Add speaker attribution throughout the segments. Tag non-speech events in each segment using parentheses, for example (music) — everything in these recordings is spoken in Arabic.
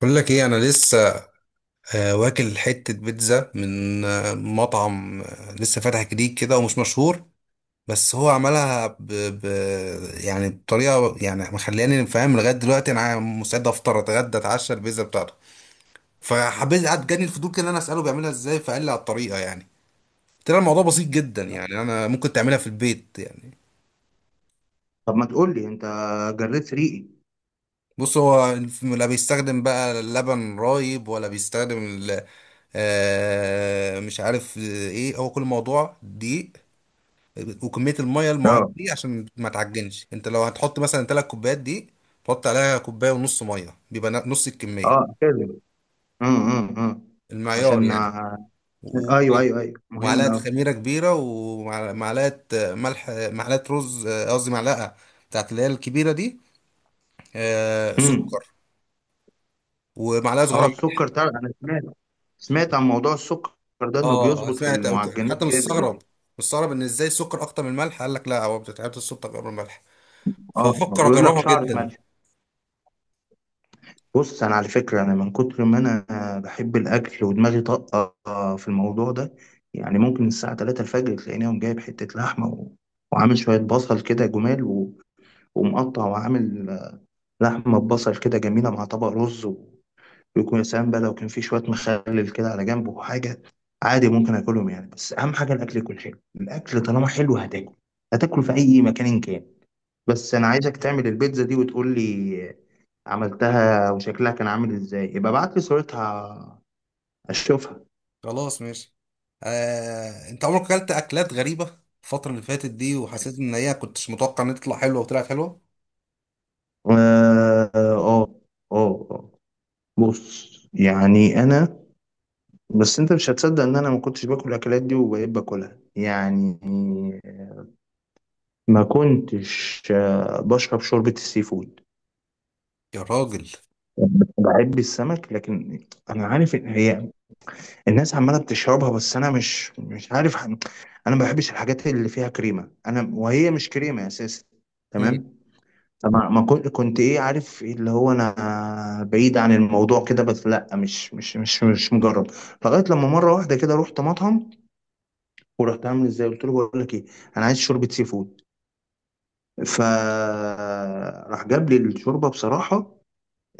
Speaker 1: بقول لك ايه انا لسه واكل حته بيتزا من مطعم لسه فاتح جديد كده ومش مشهور. بس هو عملها يعني بطريقه يعني مخلياني فاهم لغايه دلوقتي. انا مستعد افطر اتغدى اتعشى البيتزا بتاعته. فحبيت قعد جاني الفضول كده ان انا اساله بيعملها ازاي فقال لي على الطريقه يعني. قلت له الموضوع بسيط جدا يعني انا ممكن تعملها في البيت يعني.
Speaker 2: طب ما تقول لي انت، جريت ريقي.
Speaker 1: بص هو لا بيستخدم بقى لبن رايب ولا بيستخدم. مش عارف. ايه هو كل موضوع دقيق. وكمية المية المعينة
Speaker 2: اه
Speaker 1: دي عشان ما تعجنش. انت لو هتحط مثلا 3 كوبايات دقيق حط عليها كوباية ونص مية بيبقى نص الكمية.
Speaker 2: اه كده. أمم.
Speaker 1: المعيار
Speaker 2: عشان
Speaker 1: يعني. و-
Speaker 2: ايوه ايوه ايوه مهم
Speaker 1: ومعلقة
Speaker 2: قوي.
Speaker 1: خميرة كبيرة ومعلقة ملح معلقة رز قصدي معلقة بتاعت اللي هي الكبيرة دي
Speaker 2: امم.
Speaker 1: سكر ومعلقة صغيرة.
Speaker 2: اه، السكر تعرف انا سمعت، سمعت عن موضوع السكر ده، انه
Speaker 1: اه
Speaker 2: بيظبط في
Speaker 1: سمعت.
Speaker 2: المعجنات
Speaker 1: حتى
Speaker 2: جامد يعني.
Speaker 1: مستغرب مستغرب ان ازاي السكر اكتر من الملح. قال لك لا هو بتتعبت السكر اكتر من الملح.
Speaker 2: اه،
Speaker 1: فبفكر
Speaker 2: ويقول لك
Speaker 1: اجربها
Speaker 2: شعرة
Speaker 1: جدا.
Speaker 2: ملح. بص انا على فكره انا من كتر ما انا بحب الاكل ودماغي طاقه في الموضوع ده، يعني ممكن الساعه 3 الفجر تلاقيني يوم جايب حته لحمه وعامل شويه بصل كده جمال ومقطع وعامل لحمة ببصل كده جميلة مع طبق رز ويكون يا سلام بقى لو كان في شوية مخلل كده على جنبه وحاجة عادي، ممكن آكلهم يعني. بس أهم حاجة الأكل يكون حلو، الأكل طالما حلو هتاكل، هتاكل في أي مكان إن كان. بس أنا عايزك تعمل البيتزا دي وتقول لي عملتها وشكلها كان عامل إزاي، يبقى ابعت لي صورتها أشوفها.
Speaker 1: خلاص ماشي. انت عمرك اكلت اكلات غريبه الفتره اللي فاتت دي وحسيت ان هي كنتش متوقع ان هي تطلع حلوه وطلعت حلوه؟
Speaker 2: آه آه آه آه. بص يعني أنا، بس أنت مش هتصدق إن أنا ما كنتش باكل الأكلات دي وبقيت باكلها يعني. ما كنتش بشرب شوربة السي فود،
Speaker 1: يا راجل.
Speaker 2: بحب السمك لكن انا عارف ان هي الناس عماله بتشربها. بس انا مش عارف انا ما بحبش الحاجات اللي فيها كريمه، انا وهي مش كريمه اساسا.
Speaker 1: مم.
Speaker 2: تمام. فما ما كنت كنت ايه عارف إيه اللي هو انا بعيد عن الموضوع كده. بس لا، مش مجرب لغايه لما مره واحده كده رحت مطعم، ورحت عامل ازاي، قلت له بقول لك ايه، انا عايز شوربه سي فود، فراح جاب لي الشوربه. بصراحه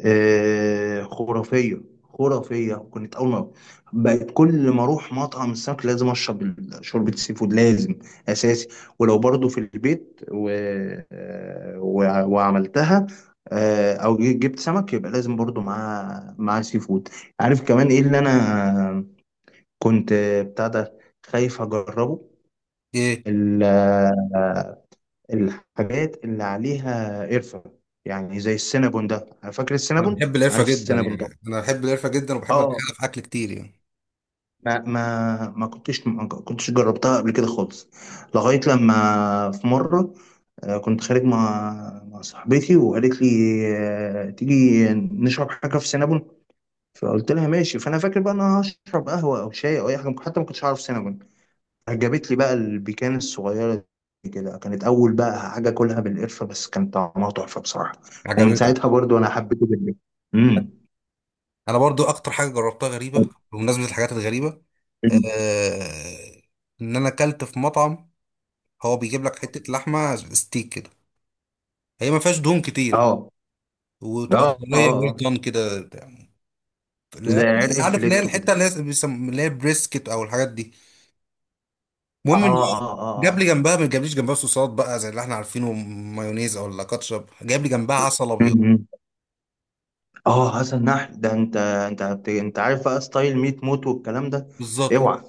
Speaker 2: خرافية، خرافية. كنت أول ما بقت، كل ما أروح مطعم السمك لازم أشرب شوربة السي فود، لازم، أساسي. ولو برضو في البيت وعملتها، أو جبت سمك يبقى لازم برضو معاه سي فود. عارف كمان إيه اللي أنا كنت بتاع ده، خايف أجربه؟
Speaker 1: ايه؟
Speaker 2: ال- آه، الحاجات اللي عليها قرفة، يعني زي السينابون ده، فاكر
Speaker 1: انا
Speaker 2: السينابون؟
Speaker 1: بحب القرفه
Speaker 2: عارف
Speaker 1: جدا
Speaker 2: السينابون.
Speaker 1: يعني انا بحب القرفه جدا وبحب اتخيل
Speaker 2: اه،
Speaker 1: في اكل كتير يعني.
Speaker 2: ما كنتش جربتها قبل كده خالص، لغاية لما في مرة كنت خارج مع صاحبتي، وقالت لي تيجي نشرب حاجة في سينابون. فقلت لها ماشي. فأنا فاكر بقى إن أنا هشرب قهوة أو شاي أو أي حاجة، حتى ما كنتش أعرف سينابون. جابت لي بقى البيكان الصغيرة دي كده، كانت أول بقى حاجة أكلها بالقرفة. بس كان طعمها تحفة بصراحة. ومن
Speaker 1: عجبتك؟
Speaker 2: ساعتها برضو أنا حبيته جدا. امم.
Speaker 1: انا برضو اكتر حاجه جربتها غريبه بمناسبه الحاجات الغريبه. آه ان انا اكلت في مطعم. هو بيجيب لك حته لحمه ستيك كده هي ما فيهاش دهون كتير
Speaker 2: اه اه
Speaker 1: وتبقى
Speaker 2: اه
Speaker 1: طريه ويل
Speaker 2: آه.
Speaker 1: دون كده بتاع. لا،
Speaker 2: زي عرق
Speaker 1: عارف اللي هي
Speaker 2: الفليتو
Speaker 1: الحته
Speaker 2: كده.
Speaker 1: اللي هي اللي هي بريسكت او الحاجات دي.
Speaker 2: اه
Speaker 1: المهم إن
Speaker 2: اه اه
Speaker 1: جاب لي
Speaker 2: اه.
Speaker 1: جنبها ما جابليش جنبها صوصات بقى زي اللي احنا عارفينه مايونيز او ولا كاتشب. جاب لي جنبها عسل ابيض.
Speaker 2: مهم. اه، حسن نحل ده، انت انت عارف بقى ستايل ميت موت والكلام ده.
Speaker 1: بالظبط.
Speaker 2: اوعى.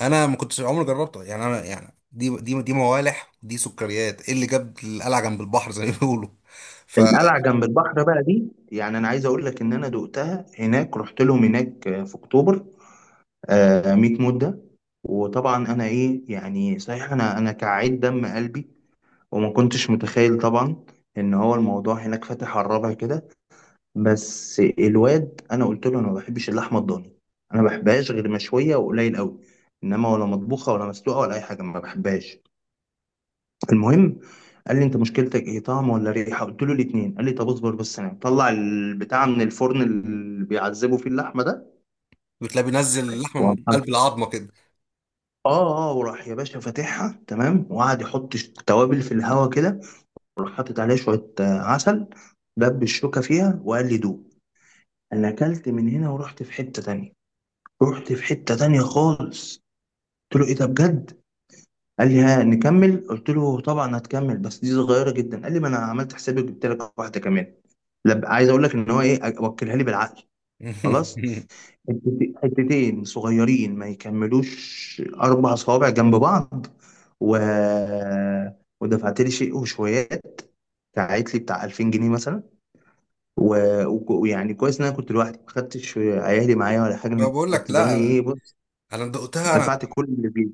Speaker 1: انا ما كنتش عمري جربتها يعني انا يعني دي موالح ودي سكريات. ايه اللي جاب القلعه جنب البحر زي ما بيقولوا.
Speaker 2: القلعه جنب البحر بقى دي، يعني انا عايز اقول لك ان انا دقتها هناك، رحت لهم هناك في اكتوبر، آه، ميت موت ده. وطبعا انا ايه يعني، صحيح انا كعيد دم قلبي وما كنتش متخيل طبعا ان هو الموضوع هناك فاتح على الرابع كده. بس الواد انا قلت له انا ما بحبش اللحمه الضاني، انا ما بحبهاش غير مشويه وقليل قوي. انما ولا مطبوخه ولا مسلوقه ولا اي حاجه، ما بحبهاش. المهم، قال لي انت مشكلتك ايه، طعم ولا ريحه؟ قلت له الاثنين. قال لي طب اصبر بس، انا طلع البتاع من الفرن اللي بيعذبوا فيه اللحمه ده،
Speaker 1: فبتلاقي بينزل لحمه من قلب
Speaker 2: وراح-
Speaker 1: العظمه كده.
Speaker 2: اه اه، وراح يا باشا فاتحها تمام، وقعد يحط توابل في الهوا كده، وراح حاطط عليها شويه عسل، دب الشوكه فيها وقال لي دوق. انا اكلت من هنا ورحت في حته تانية، رحت في حتة تانية خالص. قلت له ايه ده بجد؟ قال لي ها نكمل؟ قلت له طبعا هتكمل، بس دي صغيرة جدا. قال لي ما انا عملت حسابي وجبت لك واحدة كمان. لا عايز اقول لك ان هو ايه، وكلها لي بالعقل، خلاص.
Speaker 1: (laughs)
Speaker 2: حتتين صغيرين ما يكملوش اربع صوابع جنب بعض، و... ودفعت لي شيء وشويات، دفعت لي بتاع 2000 جنيه مثلا. و... ويعني كويس ان انا كنت لوحدي، ما خدتش عيالي معايا ولا حاجه، أنا
Speaker 1: فبقول لك
Speaker 2: كنت زماني
Speaker 1: لا،
Speaker 2: ايه. بص،
Speaker 1: انا دقتها انا
Speaker 2: دفعت كل اللي فيه،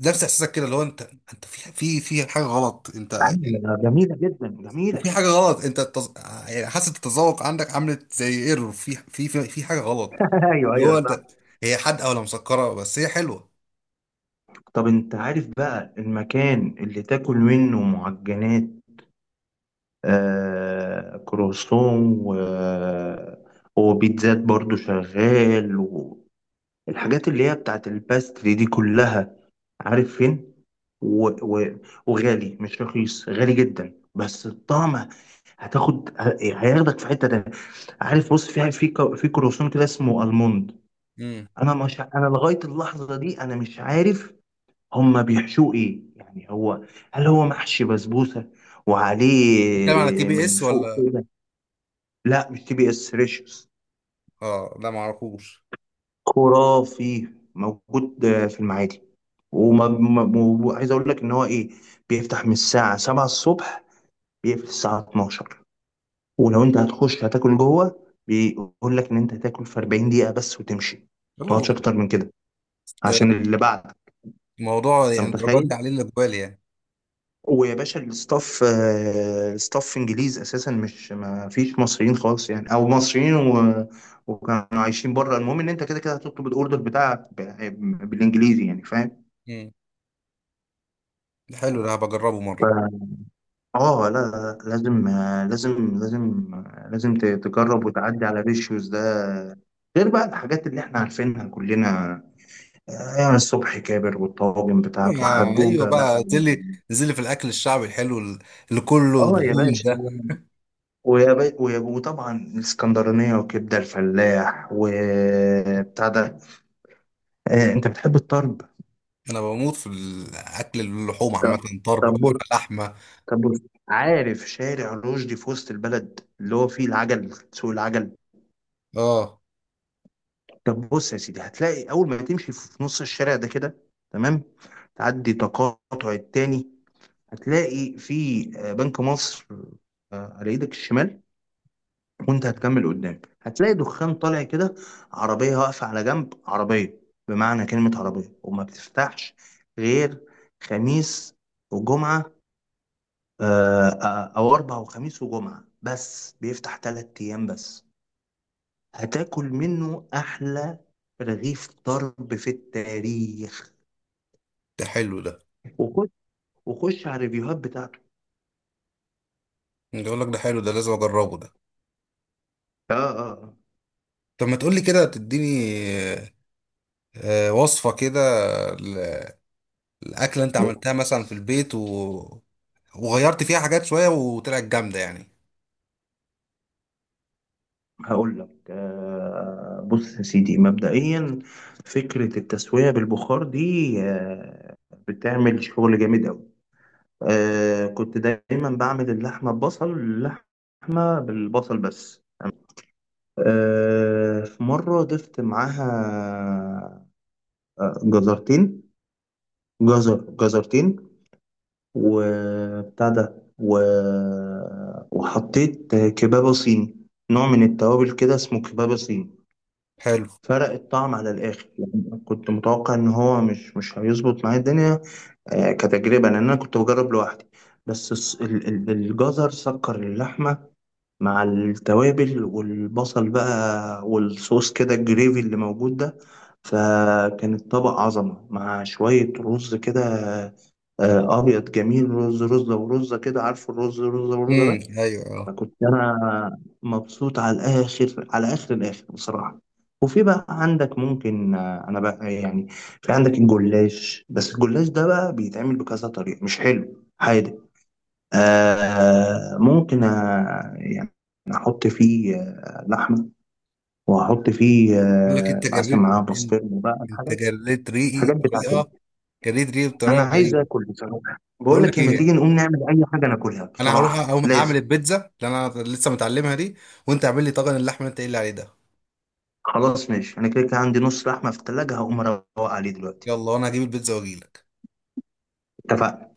Speaker 1: نفس احساسك كده. اللي هو انت انت في حاجه غلط انت.
Speaker 2: عاملة جميلة جدا جميلة.
Speaker 1: وفي حاجه غلط انت يعني حاسه التذوق عندك عملت زي ايرور في حاجه غلط.
Speaker 2: (laughs) ايوه
Speaker 1: اللي
Speaker 2: ايوه
Speaker 1: هو
Speaker 2: صح.
Speaker 1: انت هي حادقه ولا مسكره بس هي حلوه.
Speaker 2: طب انت عارف بقى المكان اللي تاكل منه معجنات، آه كروسون، و وبيتزات برضو شغال، والحاجات اللي هي بتاعت الباستري دي كلها، عارف فين؟ و... و... وغالي، مش رخيص، غالي جدا. بس الطعم هتاخد، هياخدك في حتة تانية. عارف؟ بص في في كروسون كده اسمه الموند.
Speaker 1: امم
Speaker 2: انا مش، انا لغايه اللحظه دي انا مش عارف هما بيحشوه ايه، يعني هو هل هو محشي بسبوسه
Speaker 1: بتتكلم على تي
Speaker 2: وعليه
Speaker 1: بي
Speaker 2: من
Speaker 1: اس
Speaker 2: فوق
Speaker 1: ولا؟
Speaker 2: كده؟ لا، مش تي بي اس، ريشوس.
Speaker 1: اه لا، ما اعرفوش.
Speaker 2: خرافي. موجود في المعادي. وما- ما- وعايز اقول لك ان هو ايه، بيفتح من الساعه 7 الصبح، بيقفل الساعه 12. ولو انت هتخش هتاكل جوه، بيقول لك ان انت هتاكل في 40 دقيقه بس وتمشي، ما
Speaker 1: يلا
Speaker 2: تقعدش
Speaker 1: الله.
Speaker 2: اكتر من كده،
Speaker 1: ده
Speaker 2: عشان اللي بعد.
Speaker 1: موضوع
Speaker 2: انت
Speaker 1: يعني الدرجات دي
Speaker 2: متخيل؟
Speaker 1: عليه الاقبال يعني.
Speaker 2: ويا باشا الستاف، الستاف انجليز اساسا، مش، ما فيش مصريين خالص يعني، او مصريين وكانوا عايشين بره. المهم ان انت كده كده هتطلب الاوردر بتاعك بالانجليزي، يعني فاهم.
Speaker 1: امم ده حلو ده هبجربه مره.
Speaker 2: ف- اه لا لا لا، لازم لازم لازم لازم تجرب وتعدي على ريشيوز ده، غير بقى الحاجات اللي احنا عارفينها كلنا، آه، يعني الصبح كابر والطواجن بتاعته حجوجة
Speaker 1: ايوه بقى
Speaker 2: بقى.
Speaker 1: انزل لي، انزل لي في الاكل الشعبي الحلو اللي كله
Speaker 2: اه يا
Speaker 1: دهون
Speaker 2: باشا.
Speaker 1: ده.
Speaker 2: وطبعا الاسكندرانية وكبدة الفلاح وبتاع ده. آه، انت بتحب الطرب؟
Speaker 1: انا بموت في الاكل، اللحوم عامه.
Speaker 2: طب
Speaker 1: طرب بقى،
Speaker 2: طب بص
Speaker 1: لحمه.
Speaker 2: طب بص، عارف شارع رشدي في وسط البلد، اللي هو فيه العجل، سوق العجل.
Speaker 1: اه
Speaker 2: طب بص يا سيدي، هتلاقي اول ما تمشي في نص الشارع ده كده، تمام، تعدي تقاطع التاني، هتلاقي في بنك مصر على ايدك الشمال. وانت هتكمل قدام هتلاقي دخان طالع كده، عربية واقفة على جنب، عربية بمعنى كلمة عربية، وما بتفتحش غير خميس وجمعة، أو أربع وخميس وجمعة بس، بيفتح تلات أيام بس. هتاكل منه أحلى رغيف ضرب في التاريخ.
Speaker 1: ده حلو ده.
Speaker 2: وخش، وخش على الريفيوهات بتاعته.
Speaker 1: بقول لك ده حلو ده لازم اجربه ده.
Speaker 2: اه اه
Speaker 1: طب ما تقولي كده تديني وصفة كده، ل- الأكلة أنت
Speaker 2: آه.
Speaker 1: عملتها مثلا في البيت وغيرت فيها حاجات شوية وطلعت جامدة يعني؟
Speaker 2: هقول لك، بص يا سيدي، مبدئيا فكرة التسوية بالبخار دي بتعمل شغل جامد أوي. كنت دايما بعمل اللحمة ببصل، اللحمة بالبصل بس. في مرة ضفت معاها جزرتين، جزرتين وبتاع ده، وحطيت كبابة صيني، نوع من التوابل كده اسمه كبابة صيني.
Speaker 1: حلو.
Speaker 2: فرق الطعم على الاخر، يعني كنت متوقع ان هو مش هيظبط معايا الدنيا، كتجربه، لان انا كنت بجرب لوحدي. بس الجزر سكر اللحمه مع التوابل والبصل بقى والصوص كده الجريفي اللي موجود ده، فكان الطبق عظمه مع شويه رز كده، ابيض جميل، رز رزه ورزه كده، عارف الرز رزه ورزه
Speaker 1: امم،
Speaker 2: ده؟
Speaker 1: أيوه، أه.
Speaker 2: فكنت انا مبسوط على الاخر، على اخر الاخر بصراحه. وفي بقى عندك ممكن، انا بقى يعني، في عندك الجلاش. بس الجلاش ده بقى بيتعمل بكذا طريقه، مش حلو حادق. ممكن يعني احط فيه لحمه، واحط فيه
Speaker 1: يقول لك
Speaker 2: مثلا معاها
Speaker 1: أنت
Speaker 2: بسطرمه بقى،
Speaker 1: أنت
Speaker 2: الحاجات، الحاجات بتاعت ال-
Speaker 1: جريت ريقي بطريقة
Speaker 2: انا عايز
Speaker 1: غريبة.
Speaker 2: اكل بصراحه. بقول
Speaker 1: بقول لك
Speaker 2: لك إيه، ما تيجي
Speaker 1: إيه،
Speaker 2: نقوم نعمل اي حاجه ناكلها
Speaker 1: أنا هروح
Speaker 2: بصراحه
Speaker 1: أقوم هعمل
Speaker 2: لازم.
Speaker 1: البيتزا اللي أنا لسه متعلمها دي. وأنت اعمل لي طاجن اللحمة اللي أنت قايل لي عليه ده.
Speaker 2: خلاص ماشي، انا كده كده عندي نص لحمه في التلاجة، هقوم اروق عليه دلوقتي.
Speaker 1: يلا وأنا هجيب البيتزا وأجيلك.
Speaker 2: اتفقنا.